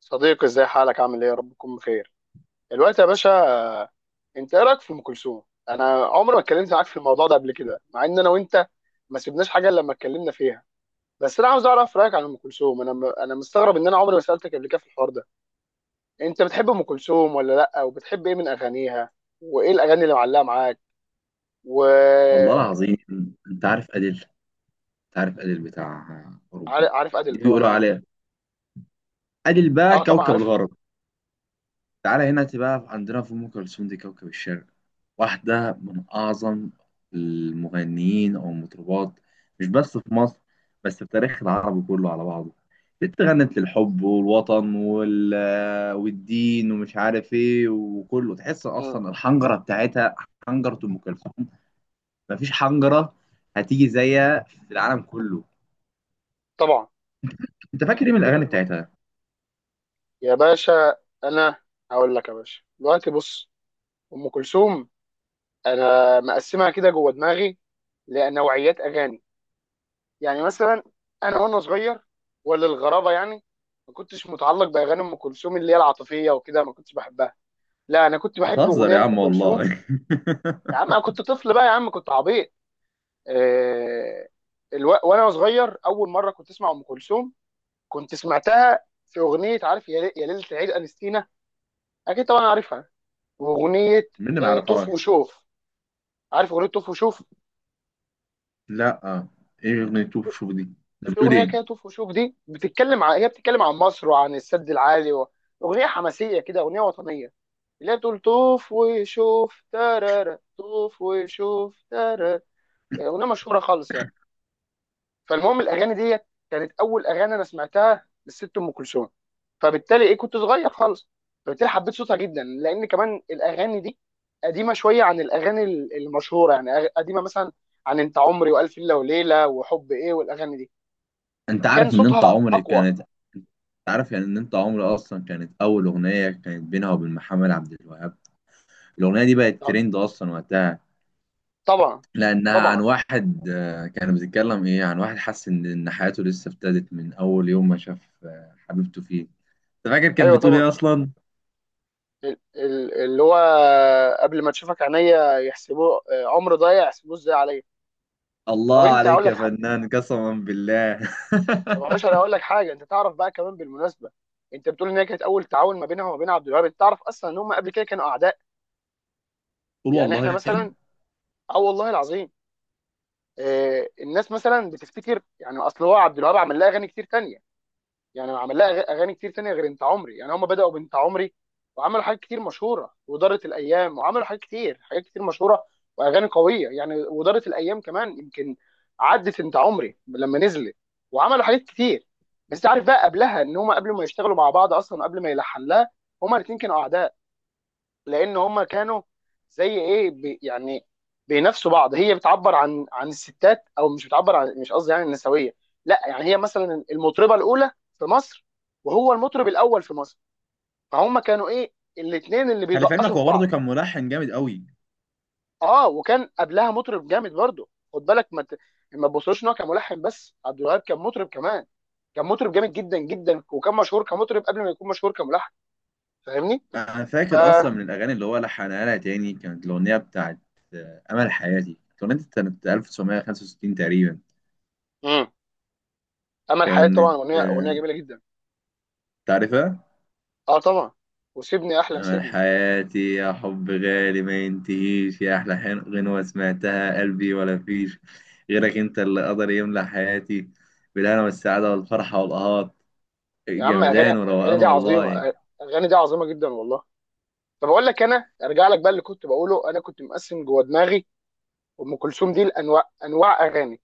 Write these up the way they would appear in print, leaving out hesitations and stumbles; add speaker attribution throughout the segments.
Speaker 1: صديقي ازاي حالك عامل ايه؟ يا رب تكون بخير دلوقتي يا باشا. آه، انت ايه رايك في ام كلثوم؟ انا عمري ما اتكلمت معاك في الموضوع ده قبل كده، مع ان انا وانت ما سيبناش حاجه الا لما اتكلمنا فيها. بس انا عاوز اعرف رايك عن ام كلثوم. انا مستغرب ان انا عمري ما سالتك قبل كده في الحوار ده. انت بتحب ام كلثوم ولا لا؟ وبتحب ايه من اغانيها؟ وايه الاغاني اللي معلقه معاك؟ و
Speaker 2: والله العظيم. انت عارف اديل انت عارف اديل بتاع اوروبا.
Speaker 1: عارف ادل
Speaker 2: دي
Speaker 1: طبعا
Speaker 2: بيقولوا
Speaker 1: اه.
Speaker 2: عليها اديل بقى
Speaker 1: اه طبعا
Speaker 2: كوكب
Speaker 1: عارف.
Speaker 2: الغرب. تعالى هنا بقى، عندنا في ام كلثوم دي كوكب الشرق. واحده من اعظم المغنيين او المطربات، مش بس في مصر، بس في تاريخ العرب كله على بعضه. بنت غنت للحب والوطن والدين ومش عارف ايه، وكله تحس
Speaker 1: امم
Speaker 2: اصلا الحنجره بتاعتها. حنجره ام كلثوم، مفيش حنجره هتيجي زيها في العالم كله.
Speaker 1: طبعا.
Speaker 2: انت فاكر
Speaker 1: يعني
Speaker 2: ايه من
Speaker 1: بدو...
Speaker 2: الاغاني
Speaker 1: ب...
Speaker 2: بتاعتها؟
Speaker 1: يا باشا انا هقول لك يا باشا دلوقتي، بص. ام كلثوم انا مقسمها كده جوه دماغي لنوعيات اغاني. يعني مثلا انا وانا صغير، ولا الغرابه يعني، ما كنتش متعلق باغاني ام كلثوم اللي هي العاطفيه وكده، ما كنتش بحبها. لا انا كنت بحب
Speaker 2: بتهزر
Speaker 1: اغنيه
Speaker 2: يا
Speaker 1: لام
Speaker 2: عم
Speaker 1: كلثوم.
Speaker 2: والله.
Speaker 1: يا عم انا كنت طفل بقى يا عم، كنت عبيط. آه وانا صغير اول مره كنت اسمع ام كلثوم، كنت سمعتها في اغنيه، عارف، يا ليله العيد انستينا. اكيد طبعا عارفها. واغنيه
Speaker 2: مين اللي ما
Speaker 1: آه
Speaker 2: يعرفهاش؟
Speaker 1: طوف وشوف. عارف اغنيه طوف وشوف؟
Speaker 2: لا، ايه اغنيه شوف شوف دي؟ انت
Speaker 1: في
Speaker 2: بتقول
Speaker 1: اغنيه
Speaker 2: ايه؟
Speaker 1: كده طوف وشوف دي بتتكلم عن، هي بتتكلم عن مصر وعن السد العالي و... اغنيه حماسيه كده، اغنيه وطنيه، اللي هي بتقول طوف وشوف ترارا طوف وشوف ترارا. اغنيه مشهوره خالص يعني. فالمهم الاغاني دي كانت اول اغاني انا سمعتها للست ام كلثوم. فبالتالي ايه، كنت صغير خالص، فبالتالي حبيت صوتها جدا، لان كمان الاغاني دي قديمه شويه عن الاغاني المشهوره، يعني قديمه مثلا عن انت عمري والف ليله وليله وحب ايه والاغاني دي.
Speaker 2: انت
Speaker 1: فكان
Speaker 2: عارف ان انت
Speaker 1: صوتها
Speaker 2: عمري
Speaker 1: اقوى.
Speaker 2: كانت انت عارف يعني ان انت عمري اصلا كانت اول اغنيه كانت بينها وبين محمد عبد الوهاب. الاغنيه دي بقت ترند اصلا وقتها.
Speaker 1: طبعا.
Speaker 2: لانها عن
Speaker 1: طبعا.
Speaker 2: واحد، كان بيتكلم ايه، عن واحد حس ان حياته لسه ابتدت من اول يوم ما شاف حبيبته فيه. انت فاكر كانت
Speaker 1: ايوه
Speaker 2: بتقول
Speaker 1: طبعا.
Speaker 2: ايه اصلا؟
Speaker 1: اللي هو قبل ما تشوفك عينيا يحسبوه عمر ضايع، يحسبوه ازاي عليا. طب
Speaker 2: الله
Speaker 1: انت هقول
Speaker 2: عليك
Speaker 1: لك
Speaker 2: يا
Speaker 1: حاجه،
Speaker 2: فنان، قسما بالله.
Speaker 1: طب يا باشا انا هقول لك حاجه. انت تعرف بقى كمان بالمناسبه، انت بتقول ان هي كانت اول تعاون ما بينها وما بين عبد الوهاب، انت تعرف اصلا ان هم قبل كده كانوا اعداء؟
Speaker 2: قول
Speaker 1: يعني احنا
Speaker 2: والله.
Speaker 1: مثلا، اه والله العظيم. الناس مثلا بتفتكر، يعني اصل هو عبد الوهاب عمل لها اغاني كتير تانية. يعني عمل لها اغاني كتير تانية غير انت عمري. يعني هم بدأوا بانت عمري وعملوا حاجات كتير مشهورة، ودارت الايام وعملوا حاجات كتير، حاجات كتير مشهورة واغاني قوية يعني. ودارت الايام كمان، يمكن عدت انت عمري لما نزلت وعملوا حاجات كتير. بس عارف بقى قبلها، ان هم قبل ما يشتغلوا مع بعض اصلا، قبل ما يلحن لها، هما الاتنين كانوا اعداء. لان هما كانوا زي ايه بي يعني، بينافسوا بعض. هي بتعبر عن، عن الستات، او مش بتعبر عن، مش قصدي يعني النسويه، لا يعني هي مثلا المطربه الاولى في مصر، وهو المطرب الاول في مصر، فهم كانوا ايه، الاثنين اللي
Speaker 2: خلي في علمك،
Speaker 1: بيدقشوا في
Speaker 2: هو برضه
Speaker 1: بعض.
Speaker 2: كان ملحن جامد قوي.
Speaker 1: اه وكان قبلها مطرب جامد برضه، خد بالك، ما تبصوش ان هو كان ملحن بس، عبد الوهاب كان مطرب كمان. كان مطرب جامد جدا جدا، وكان مشهور كمطرب قبل ما يكون مشهور كملحن. فاهمني؟
Speaker 2: انا
Speaker 1: ف...
Speaker 2: فاكر اصلا من الاغاني اللي هو لحنها لها تاني كانت الاغنيه بتاعت امل حياتي. الاغنيه دي كانت 1965 تقريبا.
Speaker 1: مم. امل حياة طبعا
Speaker 2: كانت
Speaker 1: اغنيه، اغنيه
Speaker 2: آه،
Speaker 1: جميله جدا.
Speaker 2: تعرفها؟
Speaker 1: اه طبعا. وسيبني احلم
Speaker 2: امل
Speaker 1: سيبني.
Speaker 2: حياتي يا حب غالي ما ينتهيش، يا احلى غنوه سمعتها قلبي ولا فيش غيرك، انت اللي قدر يملى حياتي بالهنا والسعاده والفرحه والقهات.
Speaker 1: يا عم اغاني،
Speaker 2: جمدان
Speaker 1: اغاني
Speaker 2: وروقان
Speaker 1: دي عظيمه،
Speaker 2: والله.
Speaker 1: اغاني دي عظيمه جدا والله. طب اقول لك، انا ارجع لك بقى اللي كنت بقوله. انا كنت مقسم جوه دماغي ام كلثوم دي لانواع، انواع اغاني.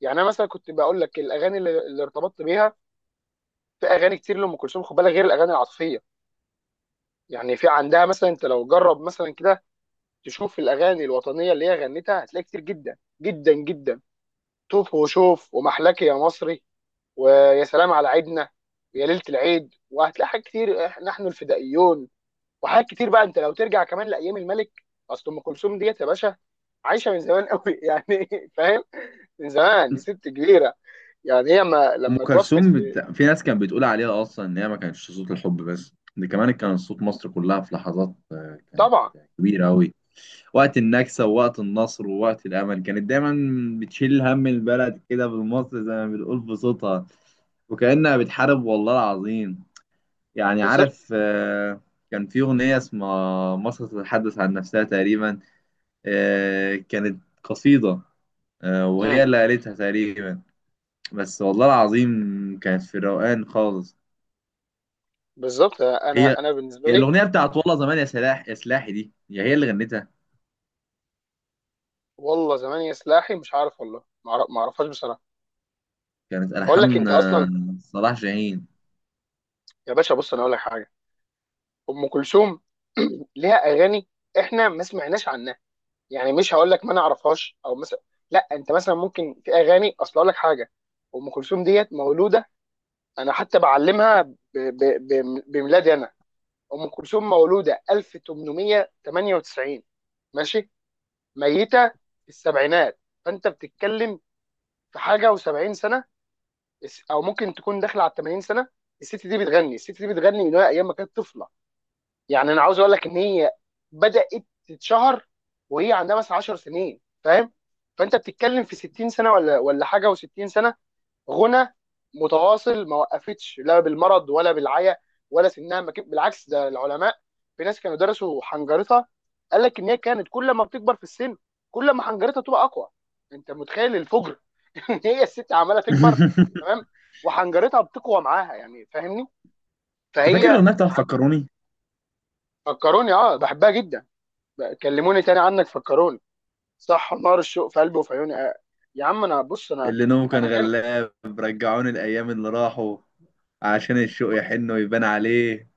Speaker 1: يعني انا مثلا كنت بقول لك الاغاني اللي ارتبطت بيها. في اغاني كتير لام كلثوم خد بالك، غير الاغاني العاطفيه. يعني في عندها مثلا، انت لو جرب مثلا كده تشوف الاغاني الوطنيه اللي هي غنتها، هتلاقي كتير جدا جدا جدا. طوف وشوف، ومحلك يا مصري، ويا سلام على عيدنا، ويا ليله العيد، وهتلاقي حاجات كتير، نحن الفدائيون، وحاجات كتير بقى. انت لو ترجع كمان لايام الملك، اصل ام كلثوم ديت يا باشا عايشه من زمان قوي يعني فاهم، من زمان، ست كبيره. يعني هي ما لما توفت في.
Speaker 2: في ناس كانت بتقول عليها اصلا ان هي ما كانتش صوت الحب بس، ده كمان كان صوت مصر كلها. في لحظات كانت
Speaker 1: طبعا.
Speaker 2: كبيره قوي. وقت النكسه ووقت النصر ووقت الامل كانت دايما بتشيل هم البلد كده بالمصري زي ما بنقول بصوتها، وكانها بتحارب، والله العظيم. يعني
Speaker 1: بالظبط.
Speaker 2: عارف. كان في اغنيه اسمها مصر تتحدث عن نفسها تقريبا. كانت قصيده،
Speaker 1: مم.
Speaker 2: وهي اللي قالتها تقريبا. بس والله العظيم كانت في الروقان خالص.
Speaker 1: بالظبط.
Speaker 2: هي
Speaker 1: انا بالنسبه
Speaker 2: هي
Speaker 1: لي،
Speaker 2: الأغنية بتاعت والله زمان، يا سلاحي، دي هي اللي غنتها.
Speaker 1: والله زمان يا سلاحي مش عارف، والله ما اعرفهاش بصراحه.
Speaker 2: كانت
Speaker 1: بقول لك
Speaker 2: ألحان
Speaker 1: انت اصلا،
Speaker 2: صلاح جاهين.
Speaker 1: يا باشا بص انا اقول لك حاجه. ام كلثوم ليها اغاني احنا ما سمعناش عنها. يعني مش هقول لك ما انا اعرفهاش او مثلا، لا، انت مثلا ممكن في اغاني. اصل اقول لك حاجه، ام كلثوم ديت مولوده، انا حتى بعلمها بميلادي انا. ام كلثوم مولوده 1898، ماشي؟ ميته في السبعينات، فانت بتتكلم في حاجه و70 سنه، او ممكن تكون داخله على 80 سنه. الست دي بتغني، الست دي بتغني من وهي ايام ما كانت طفله. يعني انا عاوز اقول لك ان هي بدات تتشهر وهي عندها مثلا 10 سنين، فاهم؟ فانت بتتكلم في 60 سنه ولا حاجه و60 سنه، غنى متواصل ما وقفتش لا بالمرض ولا بالعيا ولا سنها ما بالعكس، ده العلماء، في ناس كانوا درسوا حنجرتها، قال لك ان هي كانت كل ما بتكبر في السن، كل ما حنجرتها تبقى اقوى. انت متخيل الفجر ان هي الست عماله تكبر،
Speaker 2: أنت
Speaker 1: تمام، وحنجرتها بتقوى معاها، يعني فاهمني. فهي
Speaker 2: فاكر الأغنية بتاعت
Speaker 1: ع-
Speaker 2: فكروني؟
Speaker 1: فكروني، اه بحبها جدا، كلموني تاني عنك فكروني، صح، نار الشوق في قلبي وفي عيوني، يا عم انا بص انا،
Speaker 2: اللي نومه كان
Speaker 1: انا كان
Speaker 2: غلاب، رجعوني الأيام اللي راحوا، عشان
Speaker 1: ب-
Speaker 2: الشوق يحن ويبان عليه.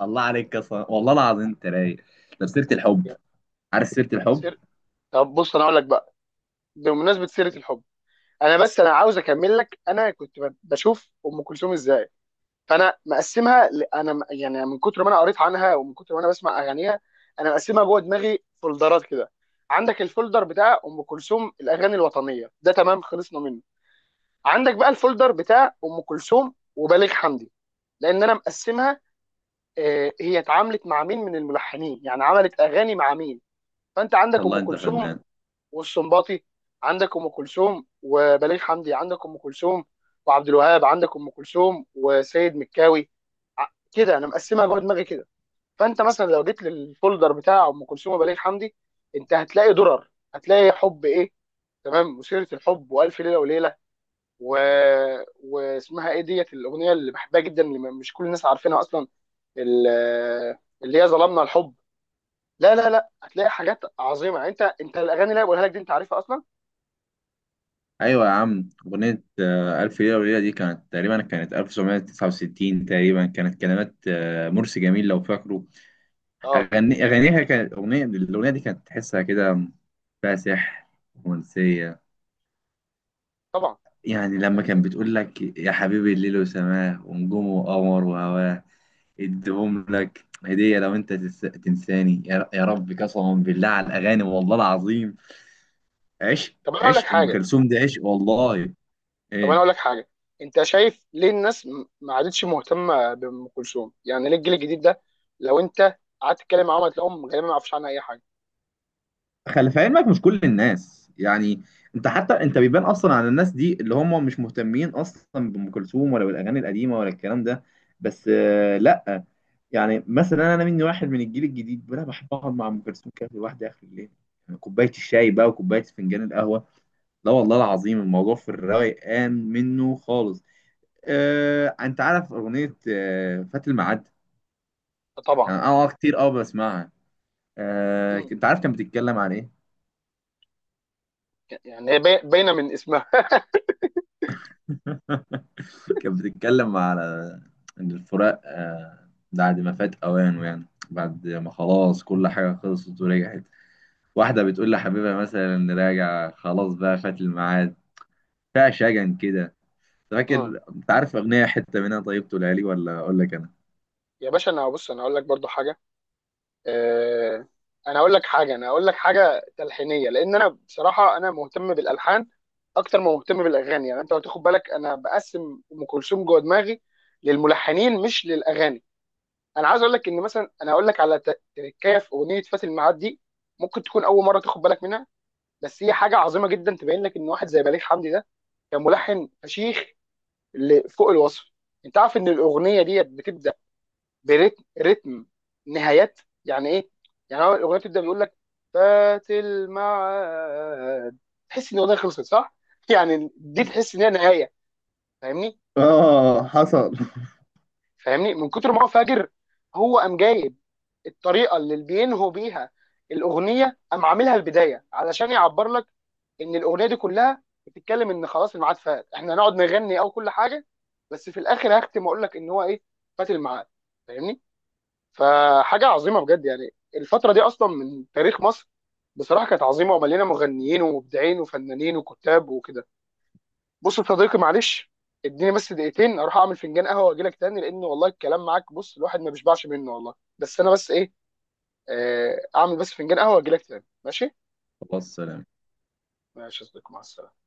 Speaker 2: الله عليك يا صلاح، والله العظيم أنت رايق. طب سيرة الحب،
Speaker 1: يعني
Speaker 2: عارف سيرة الحب؟
Speaker 1: سير طب بص انا اقول لك بقى، بمناسبه سيره الحب، انا بس انا عاوز اكمل لك. انا كنت بشوف ام كلثوم ازاي. فانا مقسمها ل- انا م- يعني من كتر ما انا قريت عنها، ومن كتر ما انا بسمع اغانيها، انا مقسمها جوه دماغي فولدرات كده. عندك الفولدر بتاع ام كلثوم الاغاني الوطنيه، ده تمام خلصنا منه. عندك بقى الفولدر بتاع ام كلثوم وبليغ حمدي، لان انا مقسمها هي اتعاملت مع مين من الملحنين، يعني عملت اغاني مع مين. فانت عندك ام
Speaker 2: والله أنت
Speaker 1: كلثوم
Speaker 2: فنان.
Speaker 1: والسنباطي، عندك ام كلثوم وبليغ حمدي، عندك ام كلثوم وعبد الوهاب، عندك ام كلثوم وسيد مكاوي، كده انا مقسمها جوه دماغي كده. فانت مثلا لو جيت للفولدر بتاع ام كلثوم وبليغ حمدي، انت هتلاقي درر، هتلاقي حب ايه، تمام، وسيره الحب، والف ليله وليله، و... واسمها ايه ديت الاغنيه اللي بحبها جدا اللي مش كل الناس عارفينها اصلا، ال- اللي هي ظلمنا الحب. لا لا لا هتلاقي حاجات عظيمه يعني. انت، انت الاغاني اللي أنا بقولها لك دي انت عارفها اصلا.
Speaker 2: أيوة يا عم، أغنية ألف ليلة وليلة دي كانت 1969 تقريبا. كانت كلمات مرسي جميل، لو فاكره.
Speaker 1: اه
Speaker 2: أغانيها كانت الأغنية دي كانت تحسها كده، فيها سحر، رومانسية.
Speaker 1: طبعا.
Speaker 2: يعني لما كان
Speaker 1: يعني
Speaker 2: بتقول لك يا حبيبي، الليل وسماه ونجومه وقمر وهواه اديهم لك هدية، لو أنت تنساني، يا رب، قسما بالله على الأغاني، والله العظيم. عشق.
Speaker 1: طب انا اقول لك
Speaker 2: عشق أم
Speaker 1: حاجه،
Speaker 2: كلثوم دي عشق والله.
Speaker 1: طب انا
Speaker 2: إيه.
Speaker 1: اقول لك حاجه. انت شايف ليه الناس ما عادتش مهتمه بام كلثوم؟ يعني ليه الجيل الجديد ده، لو انت قعدت تتكلم معاهم هتلاقيهم غالبا ما يعرفوش عنها اي حاجه.
Speaker 2: خلي في علمك، مش كل الناس يعني. انت حتى انت بيبان اصلا على الناس دي اللي هم مش مهتمين اصلا بام كلثوم، ولا بالاغاني القديمه، ولا الكلام ده. بس. لا، يعني مثلا انا مني واحد من الجيل الجديد، انا بحب اقعد مع ام كلثوم كده لوحدي اخر الليل. يعني كوبايه الشاي بقى، وكوبايه فنجان القهوه. لا والله العظيم، الموضوع في الروقان منه خالص. انت عارف اغنيه فات الميعاد؟
Speaker 1: طبعا.
Speaker 2: يعني انا كتير بسمعها.
Speaker 1: مم.
Speaker 2: انت عارف كانت بتتكلم عن ايه؟
Speaker 1: يعني هي باينه من اسمها
Speaker 2: كانت بتتكلم على ان الفراق بعد ما فات اوانه، يعني بعد ما خلاص كل حاجه خلصت ورجعت. واحده بتقول لحبيبها مثلا راجع، خلاص بقى فات الميعاد. فيها شجن كده.
Speaker 1: مم.
Speaker 2: فاكر؟ انت عارف اغنيه حته منها؟ طيب تقولها لي ولا اقول لك انا؟
Speaker 1: يا باشا انا بص انا اقول لك برضو حاجه. آه، انا اقول لك حاجه، انا اقول لك حاجه تلحينيه، لان انا بصراحه انا مهتم بالالحان اكتر ما مهتم بالاغاني. يعني انت لو تاخد بالك انا بقسم ام كلثوم جوه دماغي للملحنين مش للاغاني. انا عايز اقول لك ان مثلا انا اقول لك على تركايه في اغنيه فات الميعاد دي، ممكن تكون اول مره تاخد بالك منها. بس هي حاجه عظيمه جدا تبين لك ان واحد زي بليغ حمدي ده كان ملحن فشيخ، فوق الوصف. انت عارف ان الاغنيه دي بتبدا برتم رتم نهايات يعني ايه؟ يعني هو الاغنيه بتبدا بيقول لك فات الميعاد، تحس ان الاغنيه خلصت صح يعني دي تحس ان هي نهايه، فاهمني؟
Speaker 2: اه حصل.
Speaker 1: فاهمني، من كتر ما هو فاجر هو قام جايب الطريقه اللي بينهوا بيها الاغنيه قام عاملها البدايه، علشان يعبر لك ان الاغنيه دي كلها بتتكلم ان خلاص الميعاد فات، احنا هنقعد نغني او كل حاجه، بس في الاخر هختم واقول لك ان هو ايه، فات الميعاد، فاهمني. فحاجه عظيمه بجد يعني. الفتره دي اصلا من تاريخ مصر بصراحه كانت عظيمه ومليانه مغنيين ومبدعين وفنانين وكتاب وكده. بص يا صديقي معلش، اديني بس دقيقتين اروح اعمل فنجان قهوه واجي لك تاني، لان والله الكلام معاك، بص، الواحد ما بيشبعش منه والله. بس انا بس ايه آه، اعمل بس فنجان قهوه واجي لك تاني، ماشي؟
Speaker 2: خلاص، سلام.
Speaker 1: ماشي يا صديقي، مع السلامه.